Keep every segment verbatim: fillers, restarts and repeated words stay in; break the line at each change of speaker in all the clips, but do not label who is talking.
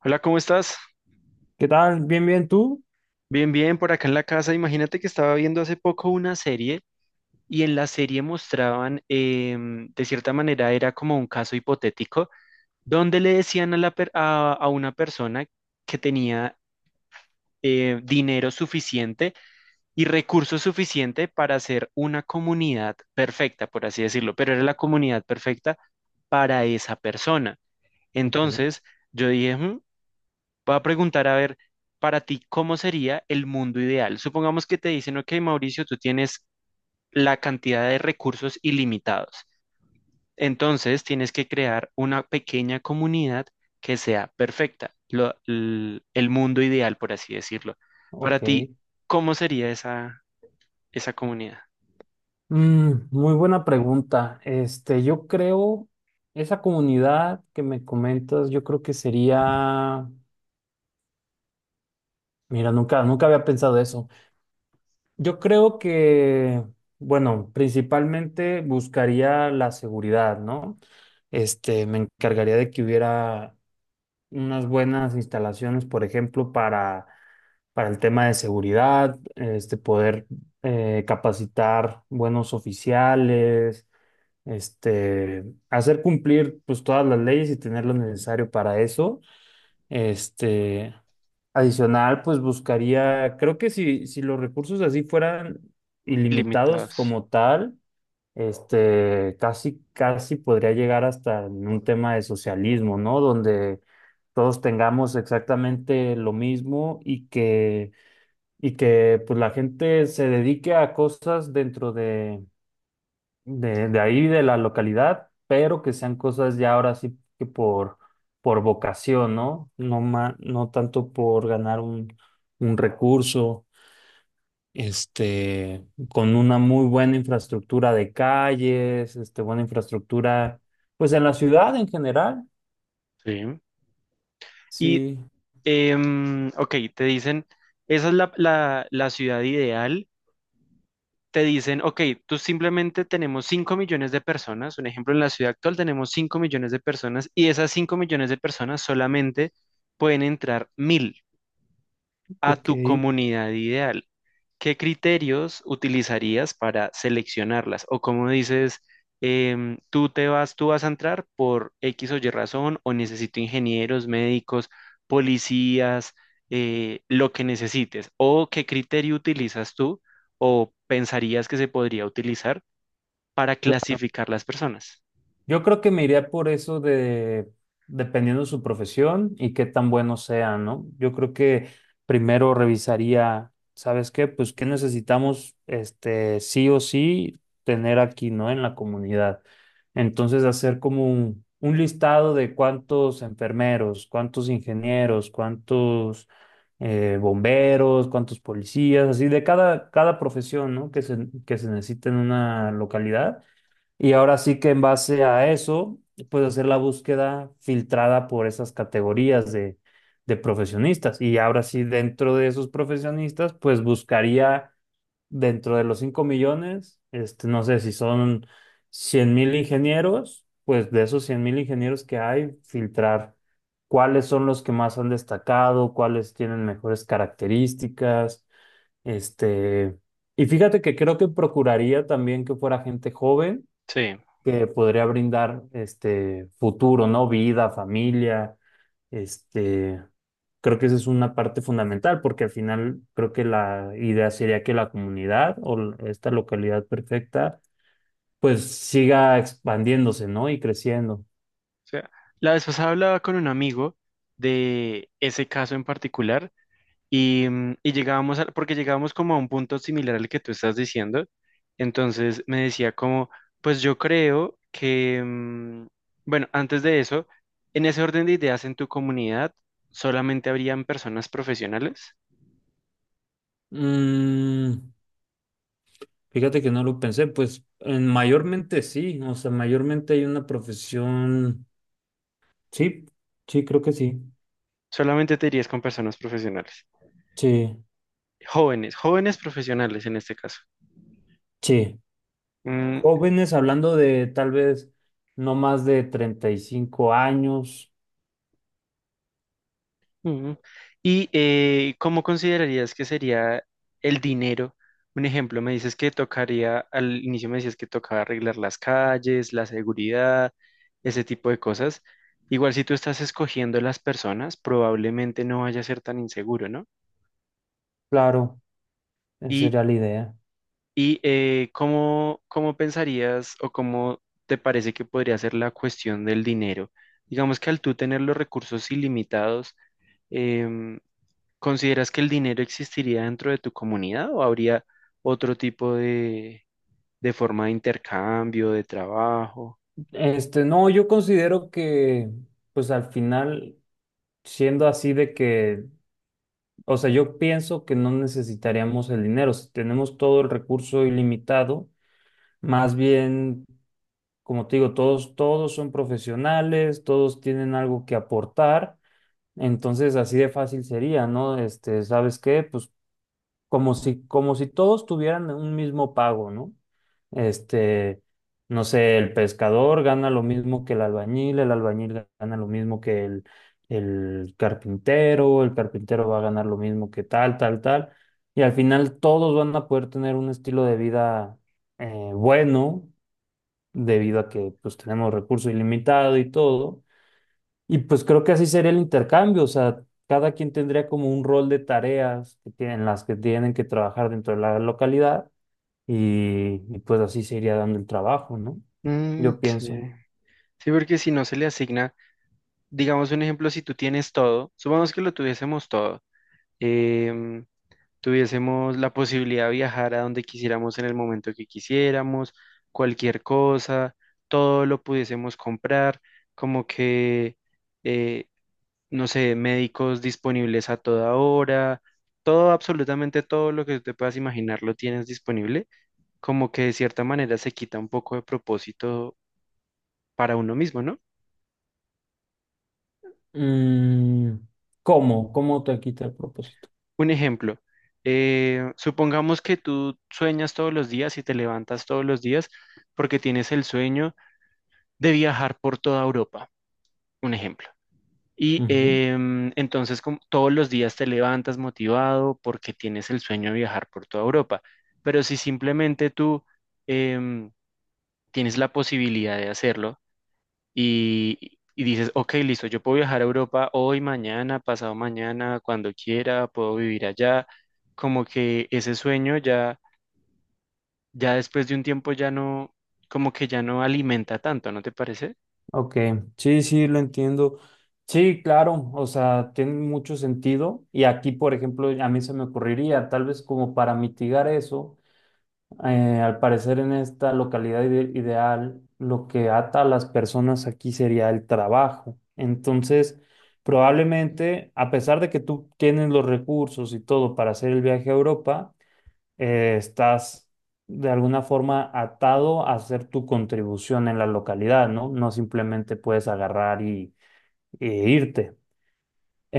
Hola, ¿cómo estás?
¿Qué tal? ¿Bien, bien tú?
Bien, bien, por acá en la casa. Imagínate que estaba viendo hace poco una serie y en la serie mostraban, em, de cierta manera, era como un caso hipotético, donde le decían a, la per- a, a una persona que tenía eh, dinero suficiente y recursos suficiente para hacer una comunidad perfecta, por así decirlo, pero era la comunidad perfecta para esa persona.
Ok.
Entonces, yo dije, "Mm, Voy a preguntar, a ver, para ti, ¿cómo sería el mundo ideal? Supongamos que te dicen, ok, Mauricio, tú tienes la cantidad de recursos ilimitados. Entonces, tienes que crear una pequeña comunidad que sea perfecta, lo- l- el mundo ideal, por así decirlo. Para
Ok.
ti, ¿cómo sería esa, esa comunidad?
Mm, muy buena pregunta. Este, yo creo, esa comunidad que me comentas, yo creo que sería, mira, nunca, nunca había pensado eso. Yo creo que, bueno, principalmente buscaría la seguridad, ¿no? Este, me encargaría de que hubiera unas buenas instalaciones, por ejemplo, para, para el tema de seguridad, este, poder eh, capacitar buenos oficiales, este, hacer cumplir pues todas las leyes y tener lo necesario para eso. Este, adicional, pues buscaría, creo que si, si los recursos así fueran ilimitados
Ilimitados.
como tal, este, casi, casi podría llegar hasta en un tema de socialismo, ¿no? Donde todos tengamos exactamente lo mismo y que, y que pues, la gente se dedique a cosas dentro de, de, de ahí, de la localidad, pero que sean cosas ya ahora sí que por, por vocación, ¿no? No ma- no tanto por ganar un, un recurso este, con una muy buena infraestructura de calles, este, buena infraestructura, pues en la ciudad en general.
Sí. Y,
Sí,
em, ok, te dicen, esa es la la- la ciudad ideal, te dicen, ok, tú simplemente tenemos cinco millones de personas, un ejemplo, en la ciudad actual tenemos cinco millones de personas y esas cinco millones de personas solamente pueden entrar mil a
ok.
tu comunidad ideal. ¿Qué criterios utilizarías para seleccionarlas? O como dices, em, tú te vas, tú vas a entrar por X o Y razón, o necesito ingenieros, médicos, policías, eh, lo que necesites. ¿O qué criterio utilizas tú o pensarías que se podría utilizar para clasificar las personas?
Yo creo que me iría por eso de, dependiendo de su profesión y qué tan bueno sea, ¿no? Yo creo que primero revisaría, ¿sabes qué? Pues qué necesitamos, este, sí o sí, tener aquí, ¿no? En la comunidad. Entonces, hacer como un, un listado de cuántos enfermeros, cuántos ingenieros, cuántos eh, bomberos, cuántos policías, así de cada, cada profesión, ¿no? Que se, que se necesita en una localidad y ahora sí que en base a eso, puedes hacer la búsqueda filtrada por esas categorías de, de profesionistas. Y ahora sí, dentro de esos profesionistas, pues buscaría dentro de los cinco millones, este, no sé si son cien mil ingenieros, pues de esos cien mil ingenieros que hay, filtrar cuáles son los que más han destacado, cuáles tienen mejores características, este, y fíjate que creo que procuraría también que fuera gente joven
Sí. O
que podría brindar este futuro, ¿no? Vida, familia, este, creo que esa es una parte fundamental porque al final creo que la idea sería que la comunidad o l- esta localidad perfecta pues siga expandiéndose, ¿no? Y creciendo.
sea, la vez pasada hablaba con un amigo de ese caso en particular. Y, mm, y llegábamos al, porque llegábamos como a un punto similar al que tú estás diciendo. Entonces me decía como, pues yo creo que, mm, bueno, antes de eso, en ese orden de ideas en tu comunidad, solamente habrían personas profesionales.
Mm, Fíjate que no lo pensé, pues en mayormente sí, o sea, mayormente hay una profesión, sí, sí, creo que sí,
Solamente te irías con personas profesionales.
sí,
Jóvenes, jóvenes profesionales en este caso.
sí.
Mm,
Jóvenes, hablando de tal vez no más de treinta y cinco años,
mm. ¿Y eh, cómo considerarías que sería el dinero? Un ejemplo, me dices que tocaría, al inicio me decías que tocaba arreglar las calles, la seguridad, ese tipo de cosas. Igual si tú estás escogiendo las personas, probablemente no vaya a ser tan inseguro, ¿no?
claro, esa
Y,
sería la idea.
y eh, ¿cómo, cómo pensarías o cómo te parece que podría ser la cuestión del dinero? Digamos que al tú tener los recursos ilimitados, em, ¿Consideras que el dinero existiría dentro de tu comunidad o habría otro tipo de, de forma de intercambio, de trabajo?
Este, no, yo considero que, pues al final, siendo así de que, o sea, yo pienso que no necesitaríamos el dinero, si tenemos todo el recurso ilimitado, más bien, como te digo, todos, todos son profesionales, todos tienen algo que aportar, entonces así de fácil sería, ¿no? Este, ¿sabes qué? Pues como si, como si todos tuvieran un mismo pago, ¿no? Este, no sé, el pescador gana lo mismo que el albañil, el albañil gana lo mismo que el, el carpintero, el carpintero va a ganar lo mismo que tal, tal, tal, y al final todos van a poder tener un estilo de vida eh, bueno, debido a que pues tenemos recurso ilimitado y todo y pues creo que así sería el intercambio, o sea, cada quien tendría como un rol de tareas que tienen, las que tienen que trabajar dentro de la localidad y, y pues así se iría dando el trabajo, ¿no?
Mm,
Yo
sí.
pienso.
Sí, porque si no se le asigna, digamos un ejemplo, si tú tienes todo, supongamos que lo tuviésemos todo, em, tuviésemos la posibilidad de viajar a donde quisiéramos en el momento que quisiéramos, cualquier cosa, todo lo pudiésemos comprar, como que eh, no sé, médicos disponibles a toda hora, todo, absolutamente todo lo que te puedas imaginar lo tienes disponible, como que de cierta manera se quita un poco de propósito para uno mismo, ¿no?
Mm, ¿Cómo? ¿Cómo te quita el propósito?
Un ejemplo, eh, supongamos que tú sueñas todos los días y te levantas todos los días porque tienes el sueño de viajar por toda Europa, un ejemplo. Y
Ujú.
em, entonces como todos los días te levantas motivado porque tienes el sueño de viajar por toda Europa. Pero si simplemente tú em, tienes la posibilidad de hacerlo y, y dices, ok, listo, yo puedo viajar a Europa hoy, mañana, pasado mañana, cuando quiera, puedo vivir allá, como que ese sueño ya, ya después de un tiempo ya no, como que ya no alimenta tanto, ¿no te parece?
Ok, sí, sí, lo entiendo. Sí, claro, o sea, tiene mucho sentido. Y aquí, por ejemplo, a mí se me ocurriría, tal vez como para mitigar eso, eh, al parecer en esta localidad ide- ideal, lo que ata a las personas aquí sería el trabajo. Entonces, probablemente, a pesar de que tú tienes los recursos y todo para hacer el viaje a Europa, eh, estás de alguna forma atado a hacer tu contribución en la localidad, ¿no? No simplemente puedes agarrar y, e irte.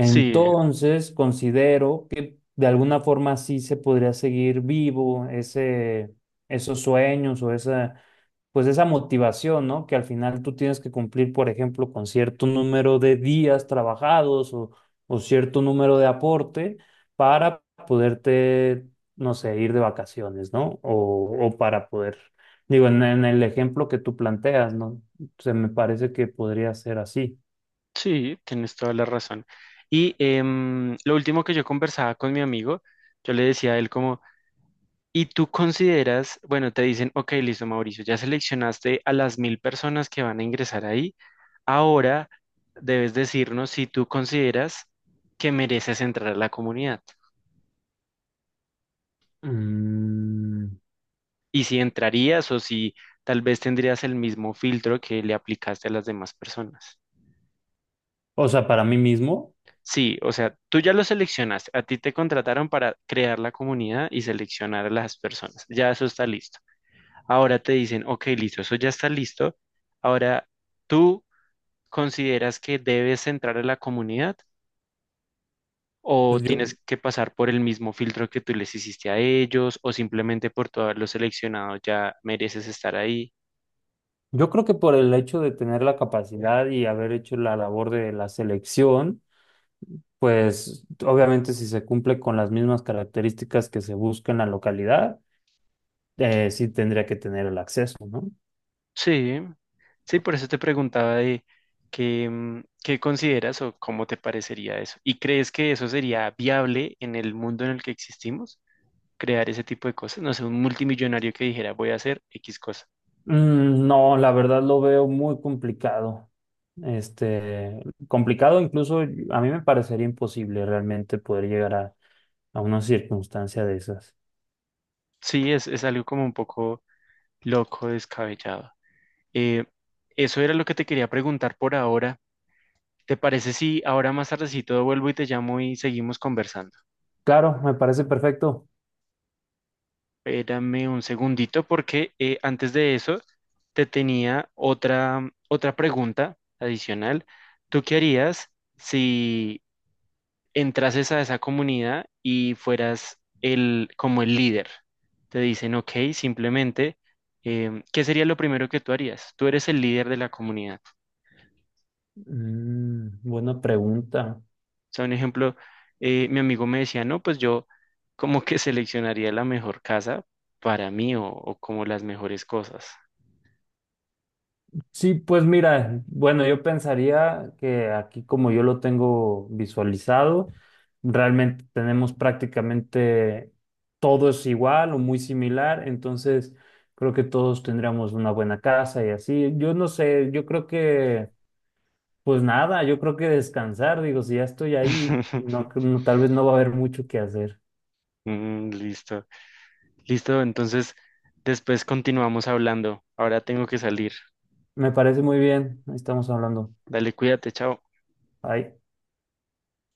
Sí.
considero que de alguna forma sí se podría seguir vivo ese, esos sueños o esa, pues esa motivación, ¿no? Que al final tú tienes que cumplir, por ejemplo, con cierto número de días trabajados o, o cierto número de aporte para poderte, no sé, ir de vacaciones, ¿no? O, o para poder, digo, en, en el ejemplo que tú planteas, ¿no? Se me parece que podría ser así.
Sí, tienes toda la razón. Y em, lo último que yo conversaba con mi amigo, yo le decía a él como, ¿y tú consideras, bueno, te dicen, ok, listo, Mauricio, ya seleccionaste a las mil personas que van a ingresar ahí, ahora debes decirnos si tú consideras que mereces entrar a la comunidad
Mm.
y si entrarías o si tal vez tendrías el mismo filtro que le aplicaste a las demás personas?
O sea, para mí mismo,
Sí, o sea, tú ya lo seleccionaste, a ti te contrataron para crear la comunidad y seleccionar a las personas, ya eso está listo. Ahora te dicen, ok, listo, eso ya está listo. Ahora, ¿tú consideras que debes entrar a la comunidad o
pues yo,
tienes que pasar por el mismo filtro que tú les hiciste a ellos o simplemente por tú haberlo seleccionado ya mereces estar ahí?
yo creo que por el hecho de tener la capacidad y haber hecho la labor de la selección, pues obviamente si se cumple con las mismas características que se busca en la localidad, eh, sí tendría que tener el acceso, ¿no?
Sí. Sí, por eso te preguntaba de qué, mm, qué consideras o cómo te parecería eso. ¿Y crees que eso sería viable en el mundo en el que existimos? Crear ese tipo de cosas. No sé, un multimillonario que dijera voy a hacer X cosa.
Mm, no, la verdad lo veo muy complicado. Este, complicado incluso, a mí me parecería imposible realmente poder llegar a, a una circunstancia de esas.
Sí, es, es algo como un poco loco, descabellado. Eh, eso era lo que te quería preguntar por ahora. ¿Te parece si ahora más tardecito vuelvo y te llamo y seguimos conversando?
Claro, me parece perfecto.
Espérame un segundito porque eh, antes de eso te tenía otra, otra pregunta adicional. ¿Tú qué harías si entrases a esa comunidad y fueras el, como el líder? Te dicen, ok, simplemente, em, ¿qué sería lo primero que tú harías? Tú eres el líder de la comunidad.
Mm, buena pregunta.
O sea, un ejemplo, eh, mi amigo me decía, no, pues yo como que seleccionaría la mejor casa para mí o o como las mejores cosas.
Sí, pues mira, bueno, yo pensaría que aquí como yo lo tengo visualizado, realmente tenemos prácticamente todo es igual o muy similar, entonces creo que todos tendríamos una buena casa y así. Yo no sé, yo creo que, pues nada, yo creo que descansar, digo, si ya estoy ahí, no, no, tal vez no va a haber mucho que hacer.
Mm, listo. Listo, entonces después continuamos hablando. Ahora tengo que salir.
Me parece muy bien, ahí estamos hablando.
Dale, cuídate, chao.
Bye.